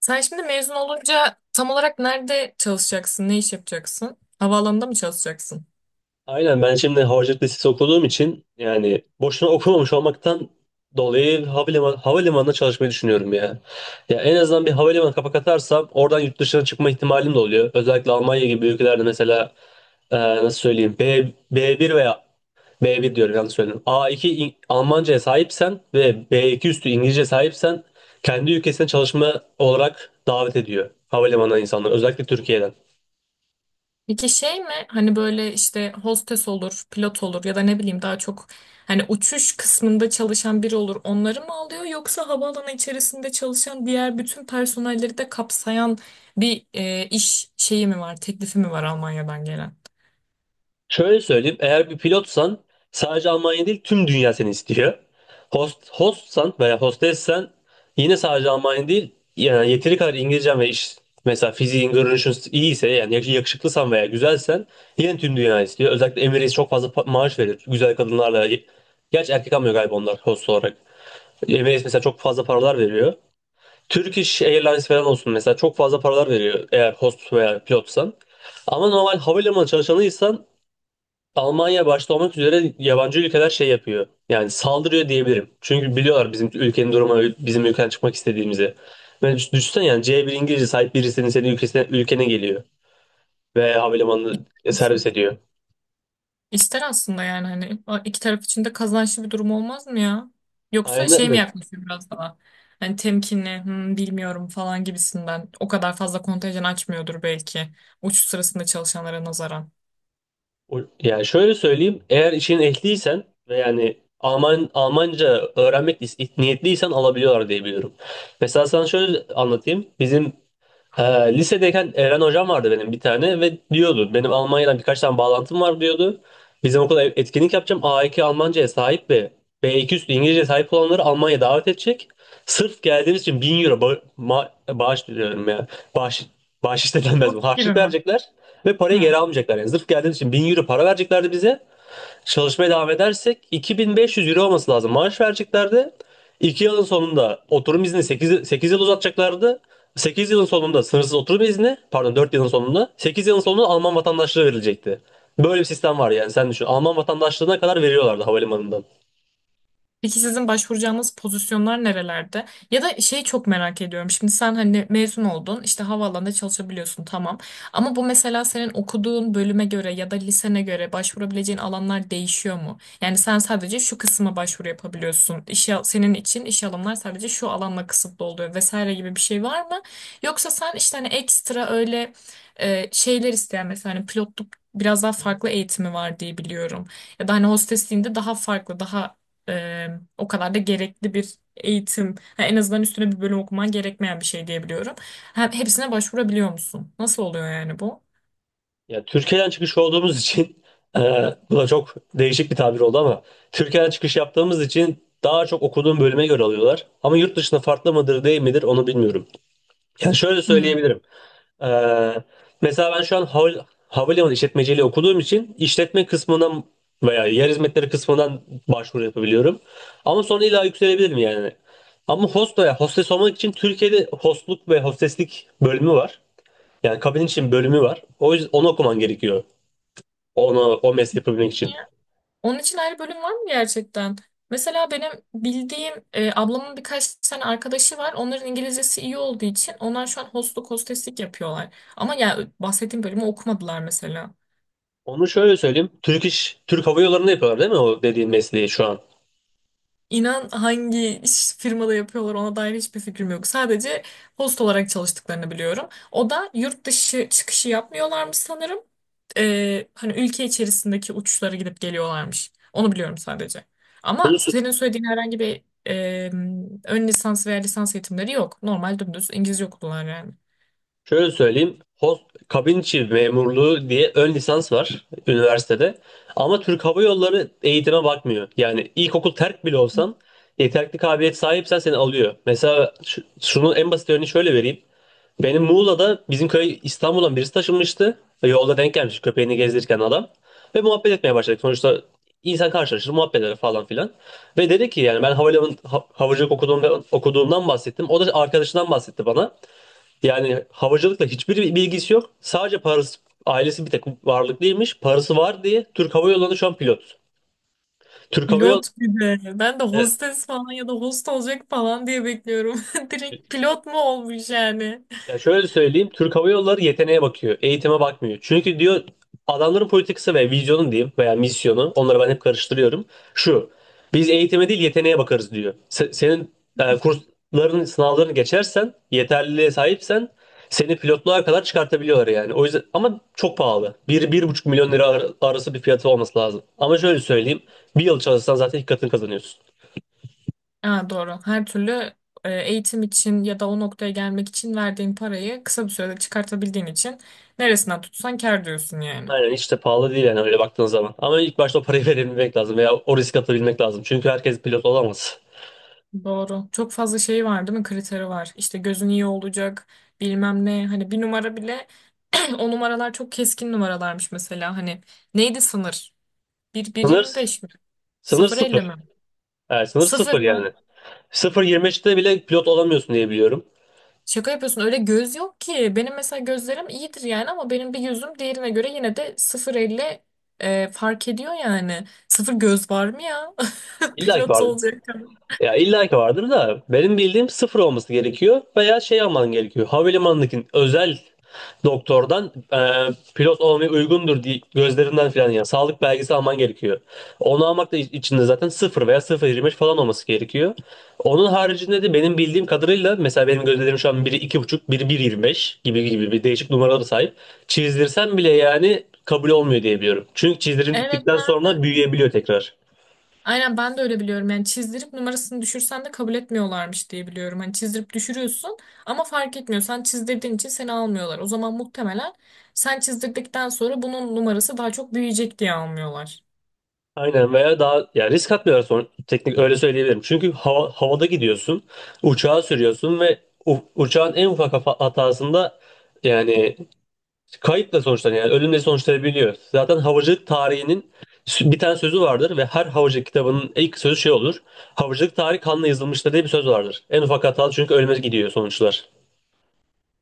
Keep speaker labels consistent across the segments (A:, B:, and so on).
A: Sen şimdi mezun olunca tam olarak nerede çalışacaksın, ne iş yapacaksın? Havaalanında mı çalışacaksın?
B: Aynen ben şimdi havacılık lisesi okuduğum için yani boşuna okumamış olmaktan dolayı havalimanında çalışmayı düşünüyorum ya. Ya en azından bir havalimanı kapak atarsam oradan yurt dışına çıkma ihtimalim de oluyor. Özellikle Almanya gibi ülkelerde mesela nasıl söyleyeyim B1 veya B1 diyorum yanlış söyledim. A2 Almanca'ya sahipsen ve B2 üstü İngilizce sahipsen kendi ülkesine çalışma olarak davet ediyor havalimanına insanlar özellikle Türkiye'den.
A: Peki şey mi hani böyle işte hostes olur, pilot olur ya da ne bileyim daha çok hani uçuş kısmında çalışan biri olur onları mı alıyor yoksa havaalanı içerisinde çalışan diğer bütün personelleri de kapsayan bir iş şeyi mi var, teklifi mi var Almanya'dan gelen?
B: Şöyle söyleyeyim, eğer bir pilotsan sadece Almanya değil tüm dünya seni istiyor. Hostsan veya hostessen yine sadece Almanya değil yani yeteri kadar İngilizcen ve iş mesela fiziğin, görünüşün iyiyse yani yakışıklısan veya güzelsen yine tüm dünya istiyor. Özellikle Emirates çok fazla maaş verir güzel kadınlarla. Gerçi erkek almıyor galiba onlar host olarak. Emirates mesela çok fazla paralar veriyor. Turkish Airlines falan olsun mesela çok fazla paralar veriyor eğer host veya pilotsan. Ama normal havalimanı çalışanıysan Almanya başta olmak üzere yabancı ülkeler şey yapıyor. Yani saldırıyor diyebilirim. Çünkü biliyorlar bizim ülkenin durumu, bizim ülkeden çıkmak istediğimizi. Ve düşünsene yani C1 İngilizce sahip birisinin senin ülkene geliyor. Ve havalimanını servis ediyor.
A: İster aslında yani hani o iki taraf için de kazançlı bir durum olmaz mı ya? Yoksa
B: Aynen,
A: şey mi
B: aynen.
A: yaklaşıyor biraz daha? Hani temkinli, "Hmm, bilmiyorum falan gibisinden. O kadar fazla kontenjan açmıyordur belki. Uçuş sırasında çalışanlara nazaran.
B: Yani şöyle söyleyeyim. Eğer işin ehliysen ve yani Almanca öğrenmek niyetliysen alabiliyorlar diye biliyorum. Mesela sana şöyle anlatayım. Bizim Ha, lisedeyken Eren hocam vardı benim bir tane ve diyordu benim Almanya'dan birkaç tane bağlantım var diyordu. Bizim okula etkinlik yapacağım. A2 Almanca'ya sahip ve B2 üstü İngilizce'ye sahip olanları Almanya'ya davet edecek. Sırf geldiğimiz için 1.000 euro bağış diyorum ya. Bağış, bağış istedenmez
A: Burs
B: bu.
A: gibi
B: Harçlık
A: mi?
B: verecekler ve parayı
A: Hı.
B: geri almayacaklar. Yani sırf geldiğimiz için 1000 euro para vereceklerdi bize. Çalışmaya devam edersek 2.500 euro olması lazım. Maaş vereceklerdi. 2 yılın sonunda oturum izni 8, 8 yıl uzatacaklardı. 8 yılın sonunda sınırsız oturum izni, pardon 4 yılın sonunda, 8 yılın sonunda Alman vatandaşlığı verilecekti. Böyle bir sistem var yani sen düşün. Alman vatandaşlığına kadar veriyorlardı havalimanından.
A: Peki sizin başvuracağınız pozisyonlar nerelerde? Ya da şeyi çok merak ediyorum. Şimdi sen hani mezun oldun, işte havaalanında çalışabiliyorsun tamam. Ama bu mesela senin okuduğun bölüme göre ya da lisene göre başvurabileceğin alanlar değişiyor mu? Yani sen sadece şu kısma başvuru yapabiliyorsun. İş, senin için iş alanlar sadece şu alanla kısıtlı oluyor vesaire gibi bir şey var mı? Yoksa sen işte hani ekstra öyle şeyler isteyen mesela hani pilotluk biraz daha farklı eğitimi var diye biliyorum. Ya da hani hostesliğinde daha farklı, e, o kadar da gerekli bir eğitim, ha, en azından üstüne bir bölüm okuman gerekmeyen bir şey diyebiliyorum. Ha, hepsine başvurabiliyor musun? Nasıl oluyor yani bu?
B: Yani Türkiye'den çıkış olduğumuz için e, bu da çok değişik bir tabir oldu ama Türkiye'den çıkış yaptığımız için daha çok okuduğum bölüme göre alıyorlar. Ama yurt dışında farklı mıdır değil midir onu bilmiyorum. Ya şöyle
A: Hmm.
B: söyleyebilirim. Ee, mesela ben şu an havalimanı işletmeciliği okuduğum için işletme kısmından veya yer hizmetleri kısmından başvuru yapabiliyorum. Ama sonra illa yükselebilirim yani. Ama host veya hostes olmak için Türkiye'de hostluk ve hosteslik bölümü var. Yani kabin için bölümü var. O yüzden onu okuman gerekiyor. O mesleği yapabilmek için.
A: Ya, onun için ayrı bölüm var mı gerçekten? Mesela benim bildiğim ablamın birkaç tane arkadaşı var. Onların İngilizcesi iyi olduğu için onlar şu an hostluk hosteslik yapıyorlar. Ama ya bahsettiğim bölümü okumadılar mesela.
B: Onu şöyle söyleyeyim. Türk Hava Yolları'nda yapıyorlar değil mi o dediğin mesleği şu an?
A: İnan hangi firmada yapıyorlar ona dair hiçbir fikrim yok. Sadece host olarak çalıştıklarını biliyorum. O da yurt dışı çıkışı yapmıyorlarmış sanırım. Hani ülke içerisindeki uçuşlara gidip geliyorlarmış. Onu biliyorum sadece. Ama
B: Bunu,
A: senin söylediğin herhangi bir ön lisans veya lisans eğitimleri yok. Normal dümdüz İngilizce okudular yani.
B: Şöyle söyleyeyim. Kabin içi memurluğu diye ön lisans var üniversitede. Ama Türk Hava Yolları eğitime bakmıyor. Yani ilkokul terk bile olsan yeterli kabiliyet sahipsen seni alıyor. Mesela şunun en basit örneğini şöyle vereyim. Benim Muğla'da bizim köy İstanbul'dan birisi taşınmıştı. Yolda denk gelmiş köpeğini gezdirirken adam. Ve muhabbet etmeye başladık. Sonuçta insan karşılaşır, muhabbet eder falan filan. Ve dedi ki yani ben havacılık okuduğumdan bahsettim. O da arkadaşından bahsetti bana. Yani havacılıkla hiçbir bilgisi yok. Sadece parası ailesi bir tek varlıklıymış. Parası var diye Türk Hava Yolları'nda şu an pilot. Türk Hava Yolları
A: Pilot bir de. Ben de hostes falan ya da host olacak falan diye bekliyorum. Direkt pilot mu olmuş yani?
B: Ya şöyle söyleyeyim, Türk Hava Yolları yeteneğe bakıyor, eğitime bakmıyor. Çünkü diyor adamların politikası ve vizyonu diyeyim veya misyonu, onları ben hep karıştırıyorum. Şu, biz eğitime değil yeteneğe bakarız diyor. Senin kursların, sınavlarını geçersen, yeterliliğe sahipsen seni pilotluğa kadar çıkartabiliyorlar yani. O yüzden ama çok pahalı. Bir 1,5 milyon lira arası bir fiyatı olması lazım. Ama şöyle söyleyeyim, bir yıl çalışsan zaten iki katını kazanıyorsun.
A: Ha, doğru. Her türlü eğitim için ya da o noktaya gelmek için verdiğin parayı kısa bir sürede çıkartabildiğin için neresinden tutsan kâr diyorsun yani.
B: Aynen hiç de pahalı değil yani öyle baktığın zaman. Ama ilk başta o parayı verebilmek lazım veya o risk atabilmek lazım. Çünkü herkes pilot olamaz.
A: Doğru. Çok fazla şey var değil mi? Kriteri var. İşte gözün iyi olacak, bilmem ne. Hani bir numara bile o numaralar çok keskin numaralarmış mesela. Hani neydi sınır? 1,
B: Sınır,
A: 1,25 mi?
B: sınır
A: 0,50 mi?
B: sıfır. Evet, sınır
A: Sıfır
B: sıfır
A: mı?
B: yani. 0,25'te bile pilot olamıyorsun diye biliyorum.
A: Şaka yapıyorsun öyle göz yok ki. Benim mesela gözlerim iyidir yani ama benim bir gözüm diğerine göre yine de 0,50 fark ediyor yani. Sıfır göz var mı ya?
B: İlla ki
A: Pilot
B: vardır.
A: olacak.
B: Ya illa ki vardır da benim bildiğim sıfır olması gerekiyor veya şey alman gerekiyor. Havalimanındaki özel doktordan pilot olmaya uygundur diye gözlerinden falan ya sağlık belgesi alman gerekiyor. Onu almak da içinde zaten sıfır veya 0,25 falan olması gerekiyor. Onun haricinde de benim bildiğim kadarıyla mesela benim gözlerim şu an biri 2,5 biri 1,25 gibi gibi bir değişik numaralara sahip. Çizdirsem bile yani kabul olmuyor diye biliyorum. Çünkü
A: Evet
B: çizdirdikten
A: ben
B: sonra
A: de.
B: büyüyebiliyor tekrar.
A: Aynen ben de öyle biliyorum. Yani çizdirip numarasını düşürsen de kabul etmiyorlarmış diye biliyorum. Hani çizdirip düşürüyorsun ama fark etmiyor. Sen çizdirdiğin için seni almıyorlar. O zaman muhtemelen sen çizdirdikten sonra bunun numarası daha çok büyüyecek diye almıyorlar.
B: Aynen veya daha ya risk atmıyorlar sonra teknik öyle söyleyebilirim. Çünkü havada gidiyorsun, uçağa sürüyorsun ve uçağın en ufak hatasında yani kayıpla sonuçlanıyor. Yani ölümle sonuçlanabiliyor. Zaten havacılık tarihinin bir tane sözü vardır ve her havacılık kitabının ilk sözü şey olur. Havacılık tarihi kanla yazılmıştır diye bir söz vardır. En ufak hata çünkü ölüme gidiyor sonuçlar.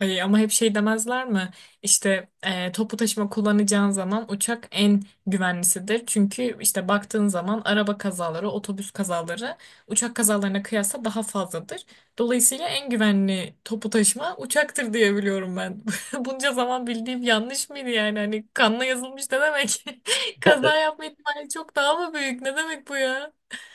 A: Ay, ama hep şey demezler mi? İşte toplu taşıma kullanacağın zaman uçak en güvenlisidir. Çünkü işte baktığın zaman araba kazaları, otobüs kazaları uçak kazalarına kıyasla daha fazladır. Dolayısıyla en güvenli toplu taşıma uçaktır diye biliyorum ben. Bunca zaman bildiğim yanlış mıydı yani? Hani kanla yazılmış ne demek? Kaza yapma ihtimali çok daha mı büyük? Ne demek bu ya?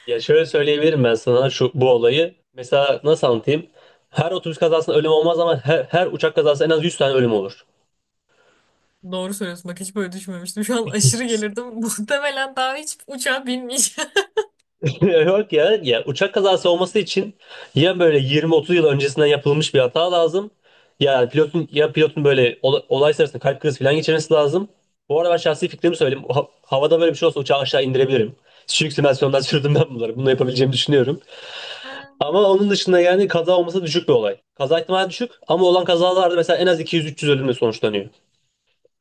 B: Ya şöyle söyleyebilirim ben sana şu bu olayı. Mesela nasıl anlatayım? Her otobüs kazasında ölüm olmaz ama her uçak kazasında en az 100 tane ölüm olur.
A: Doğru söylüyorsun bak hiç böyle düşünmemiştim. Şu an aşırı gelirdim. Muhtemelen daha hiç uçağa binmeyeceğim.
B: Yok ya, ya uçak kazası olması için ya böyle 20-30 yıl öncesinden yapılmış bir hata lazım. Ya pilotun ya pilotun böyle olay sırasında kalp krizi falan geçirmesi lazım. Bu arada ben şahsi fikrimi söyleyeyim. Havada böyle bir şey olsa uçağı aşağı indirebilirim. Düşük simülasyondan sürdüm ben bunları. Bunu yapabileceğimi düşünüyorum. Ama onun dışında yani kaza olması düşük bir olay. Kaza ihtimali düşük ama olan kazalarda mesela en az 200-300 ölümle sonuçlanıyor.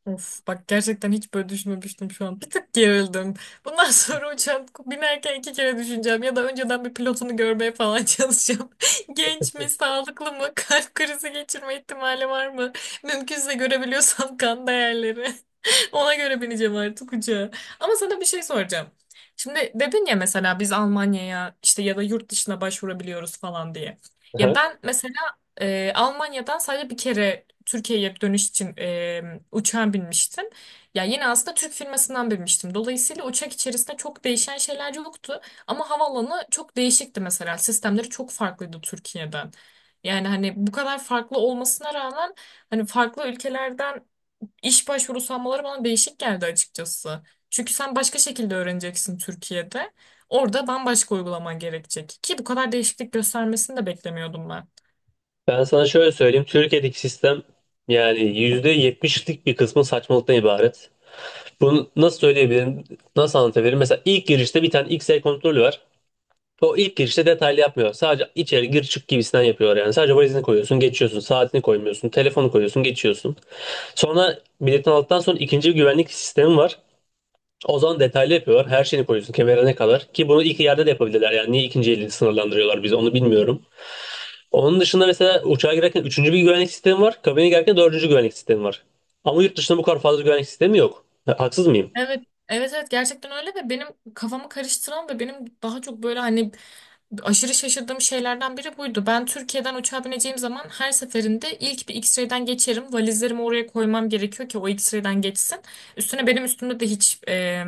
A: Of bak gerçekten hiç böyle düşünmemiştim şu an. Bir tık gerildim. Bundan sonra uçağa binerken iki kere düşüneceğim ya da önceden bir pilotunu görmeye falan çalışacağım. Genç mi, sağlıklı mı, kalp krizi geçirme ihtimali var mı? Mümkünse görebiliyorsam kan değerleri. Ona göre bineceğim artık uçağa. Ama sana bir şey soracağım. Şimdi dedin ya mesela biz Almanya'ya işte ya da yurt dışına başvurabiliyoruz falan diye. Ya
B: Aha.
A: ben mesela Almanya'dan sadece bir kere Türkiye'ye dönüş için uçağa binmiştim. Ya yine aslında Türk firmasından binmiştim. Dolayısıyla uçak içerisinde çok değişen şeyler yoktu. Ama havaalanı çok değişikti mesela. Sistemleri çok farklıydı Türkiye'den. Yani hani bu kadar farklı olmasına rağmen hani farklı ülkelerden İş başvurusu almaları bana değişik geldi açıkçası. Çünkü sen başka şekilde öğreneceksin Türkiye'de. Orada bambaşka uygulaman gerekecek. Ki bu kadar değişiklik göstermesini de beklemiyordum ben.
B: Ben sana şöyle söyleyeyim. Türkiye'deki sistem yani %70'lik bir kısmı saçmalıktan ibaret. Bunu nasıl söyleyebilirim? Nasıl anlatabilirim? Mesela ilk girişte bir tane X-ray kontrolü var. O ilk girişte detaylı yapmıyor. Sadece içeri gir çık gibisinden yapıyorlar yani. Sadece valizini koyuyorsun, geçiyorsun. Saatini koymuyorsun. Telefonu koyuyorsun, geçiyorsun. Sonra biletini aldıktan sonra ikinci bir güvenlik sistemi var. O zaman detaylı yapıyorlar. Her şeyini koyuyorsun kemerine kadar. Ki bunu ilk yerde de yapabilirler. Yani niye ikinci eli sınırlandırıyorlar bizi onu bilmiyorum. Onun dışında mesela uçağa girerken üçüncü bir güvenlik sistemi var. Kabine girerken dördüncü güvenlik sistemi var. Ama yurt dışında bu kadar fazla güvenlik sistemi yok. Haksız mıyım?
A: Evet, evet evet gerçekten öyle ve benim kafamı karıştıran ve benim daha çok böyle hani aşırı şaşırdığım şeylerden biri buydu. Ben Türkiye'den uçağa bineceğim zaman her seferinde ilk bir X-ray'den geçerim. Valizlerimi oraya koymam gerekiyor ki o X-ray'den geçsin. Üstüne benim üstümde de hiç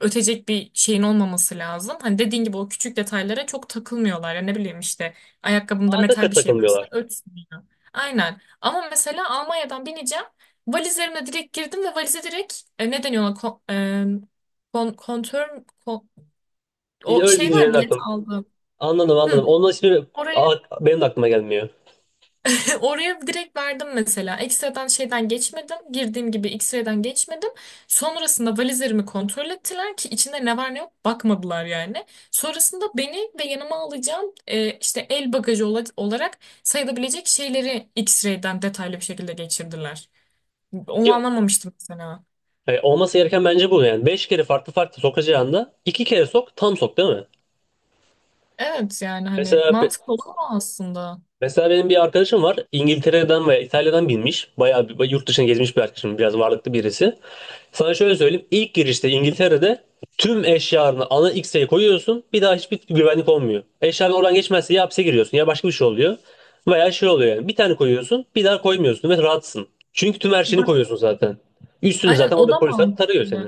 A: ötecek bir şeyin olmaması lazım. Hani dediğin gibi o küçük detaylara çok takılmıyorlar. Ya ne bileyim işte ayakkabımda
B: Zaten
A: metal bir şey varsa
B: takılmıyorlar.
A: ötsün ya. Aynen. Ama mesela Almanya'dan bineceğim. Valizlerimle direkt girdim ve valize direkt ne deniyor ona? E, kontör mü?
B: İşte
A: O
B: öyle
A: şey
B: deyince
A: var
B: benim
A: bilet
B: aklım.
A: aldım.
B: Anladım,
A: Hı.
B: anladım. Ondan şimdi
A: Oraya
B: a- benim de aklıma gelmiyor.
A: Oraya direkt verdim mesela. X-ray'den şeyden geçmedim. Girdiğim gibi X-ray'den geçmedim. Sonrasında valizlerimi kontrol ettiler ki içinde ne var ne yok bakmadılar yani. Sonrasında beni ve yanıma alacağım işte el bagajı olarak sayılabilecek şeyleri X-ray'den detaylı bir şekilde geçirdiler. Onu
B: Yok.
A: anlamamıştım mesela.
B: Olması gereken bence bu yani. Beş kere farklı farklı sokacağında iki kere sok tam sok değil mi?
A: Evet yani hani
B: Mesela
A: mantıklı olan o aslında.
B: Mesela benim bir arkadaşım var. İngiltere'den veya İtalya'dan binmiş. Bayağı bir, yurt dışına gezmiş bir arkadaşım. Biraz varlıklı birisi. Sana şöyle söyleyeyim. İlk girişte İngiltere'de tüm eşyalarını ana X'e koyuyorsun. Bir daha hiçbir güvenlik olmuyor. Eşyaların oradan geçmezse ya hapse giriyorsun ya başka bir şey oluyor. Veya şey oluyor yani. Bir tane koyuyorsun bir daha koymuyorsun ve rahatsın. Çünkü tüm her şeyini
A: Bak
B: koyuyorsun zaten. Üstünü
A: aynen
B: zaten
A: o
B: orada
A: da
B: polisler tarıyor seni.
A: mantıklı.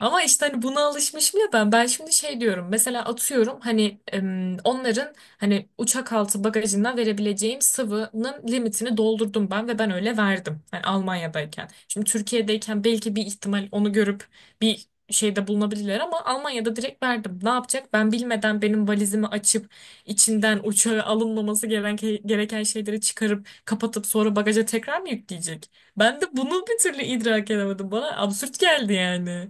A: Ama işte hani buna alışmışım ya ben. Ben şimdi şey diyorum. Mesela atıyorum hani onların hani uçak altı bagajından verebileceğim sıvının limitini doldurdum ben ve ben öyle verdim. Hani Almanya'dayken. Şimdi Türkiye'deyken belki bir ihtimal onu görüp bir şeyde bulunabilirler ama Almanya'da direkt verdim. Ne yapacak? Ben bilmeden benim valizimi açıp içinden uçağa alınmaması gereken, gereken şeyleri çıkarıp kapatıp sonra bagaja tekrar mı yükleyecek? Ben de bunu bir türlü idrak edemedim. Bana absürt geldi yani.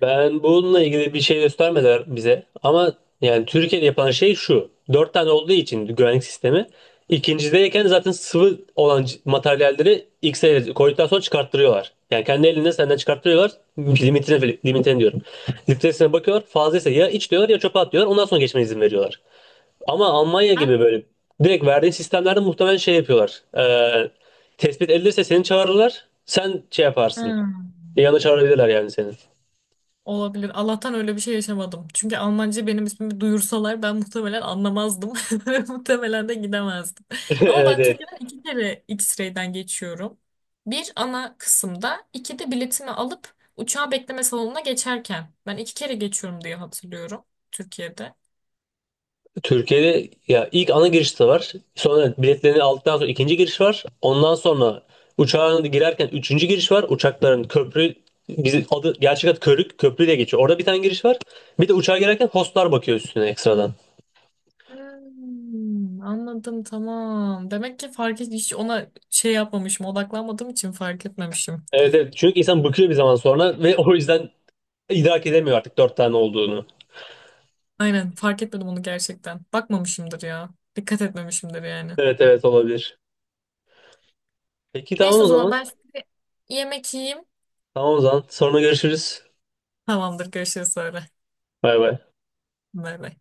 B: Ben bununla ilgili bir şey göstermediler bize. Ama yani Türkiye'de yapılan şey şu. Dört tane olduğu için güvenlik sistemi. İkincideyken zaten sıvı olan materyalleri ilk sefere koyduktan sonra çıkarttırıyorlar. Yani kendi elinde senden çıkarttırıyorlar. Limitine diyorum. Litresine bakıyorlar. Fazlaysa ya iç diyorlar ya çöpe at diyorlar. Ondan sonra geçmene izin veriyorlar. Ama Almanya gibi böyle direkt verdiğin sistemlerde muhtemelen şey yapıyorlar. Tespit edilirse seni çağırırlar. Sen şey yaparsın.
A: Hmm.
B: Yanına çağırabilirler yani seni.
A: Olabilir. Allah'tan öyle bir şey yaşamadım. Çünkü Almanca benim ismimi duyursalar ben muhtemelen anlamazdım. Ve muhtemelen de gidemezdim. Ama
B: Evet,
A: ben
B: evet.
A: Türkiye'den iki kere X-ray'den geçiyorum. Bir ana kısımda, iki de biletimi alıp uçağa bekleme salonuna geçerken. Ben iki kere geçiyorum diye hatırlıyorum Türkiye'de.
B: Türkiye'de ya ilk ana giriş de var. Sonra biletlerini aldıktan sonra ikinci giriş var. Ondan sonra uçağa girerken üçüncü giriş var. Uçakların köprü bizim adı gerçek adı körük köprü diye geçiyor. Orada bir tane giriş var. Bir de uçağa girerken hostlar bakıyor üstüne ekstradan.
A: Hmm, anladım tamam. Demek ki fark et hiç ona şey yapmamışım, odaklanmadığım için fark etmemişim.
B: Evet, evet. Çünkü insan bıkıyor bir zaman sonra ve o yüzden idrak edemiyor artık dört tane olduğunu.
A: Aynen fark etmedim onu gerçekten. Bakmamışımdır ya. Dikkat etmemişimdir yani.
B: Evet, evet, olabilir. Peki, tamam
A: Neyse
B: o
A: o zaman
B: zaman.
A: ben şimdi yemek yiyeyim.
B: Tamam o zaman. Sonra görüşürüz.
A: Tamamdır görüşürüz sonra.
B: Bay bay.
A: Bay bay.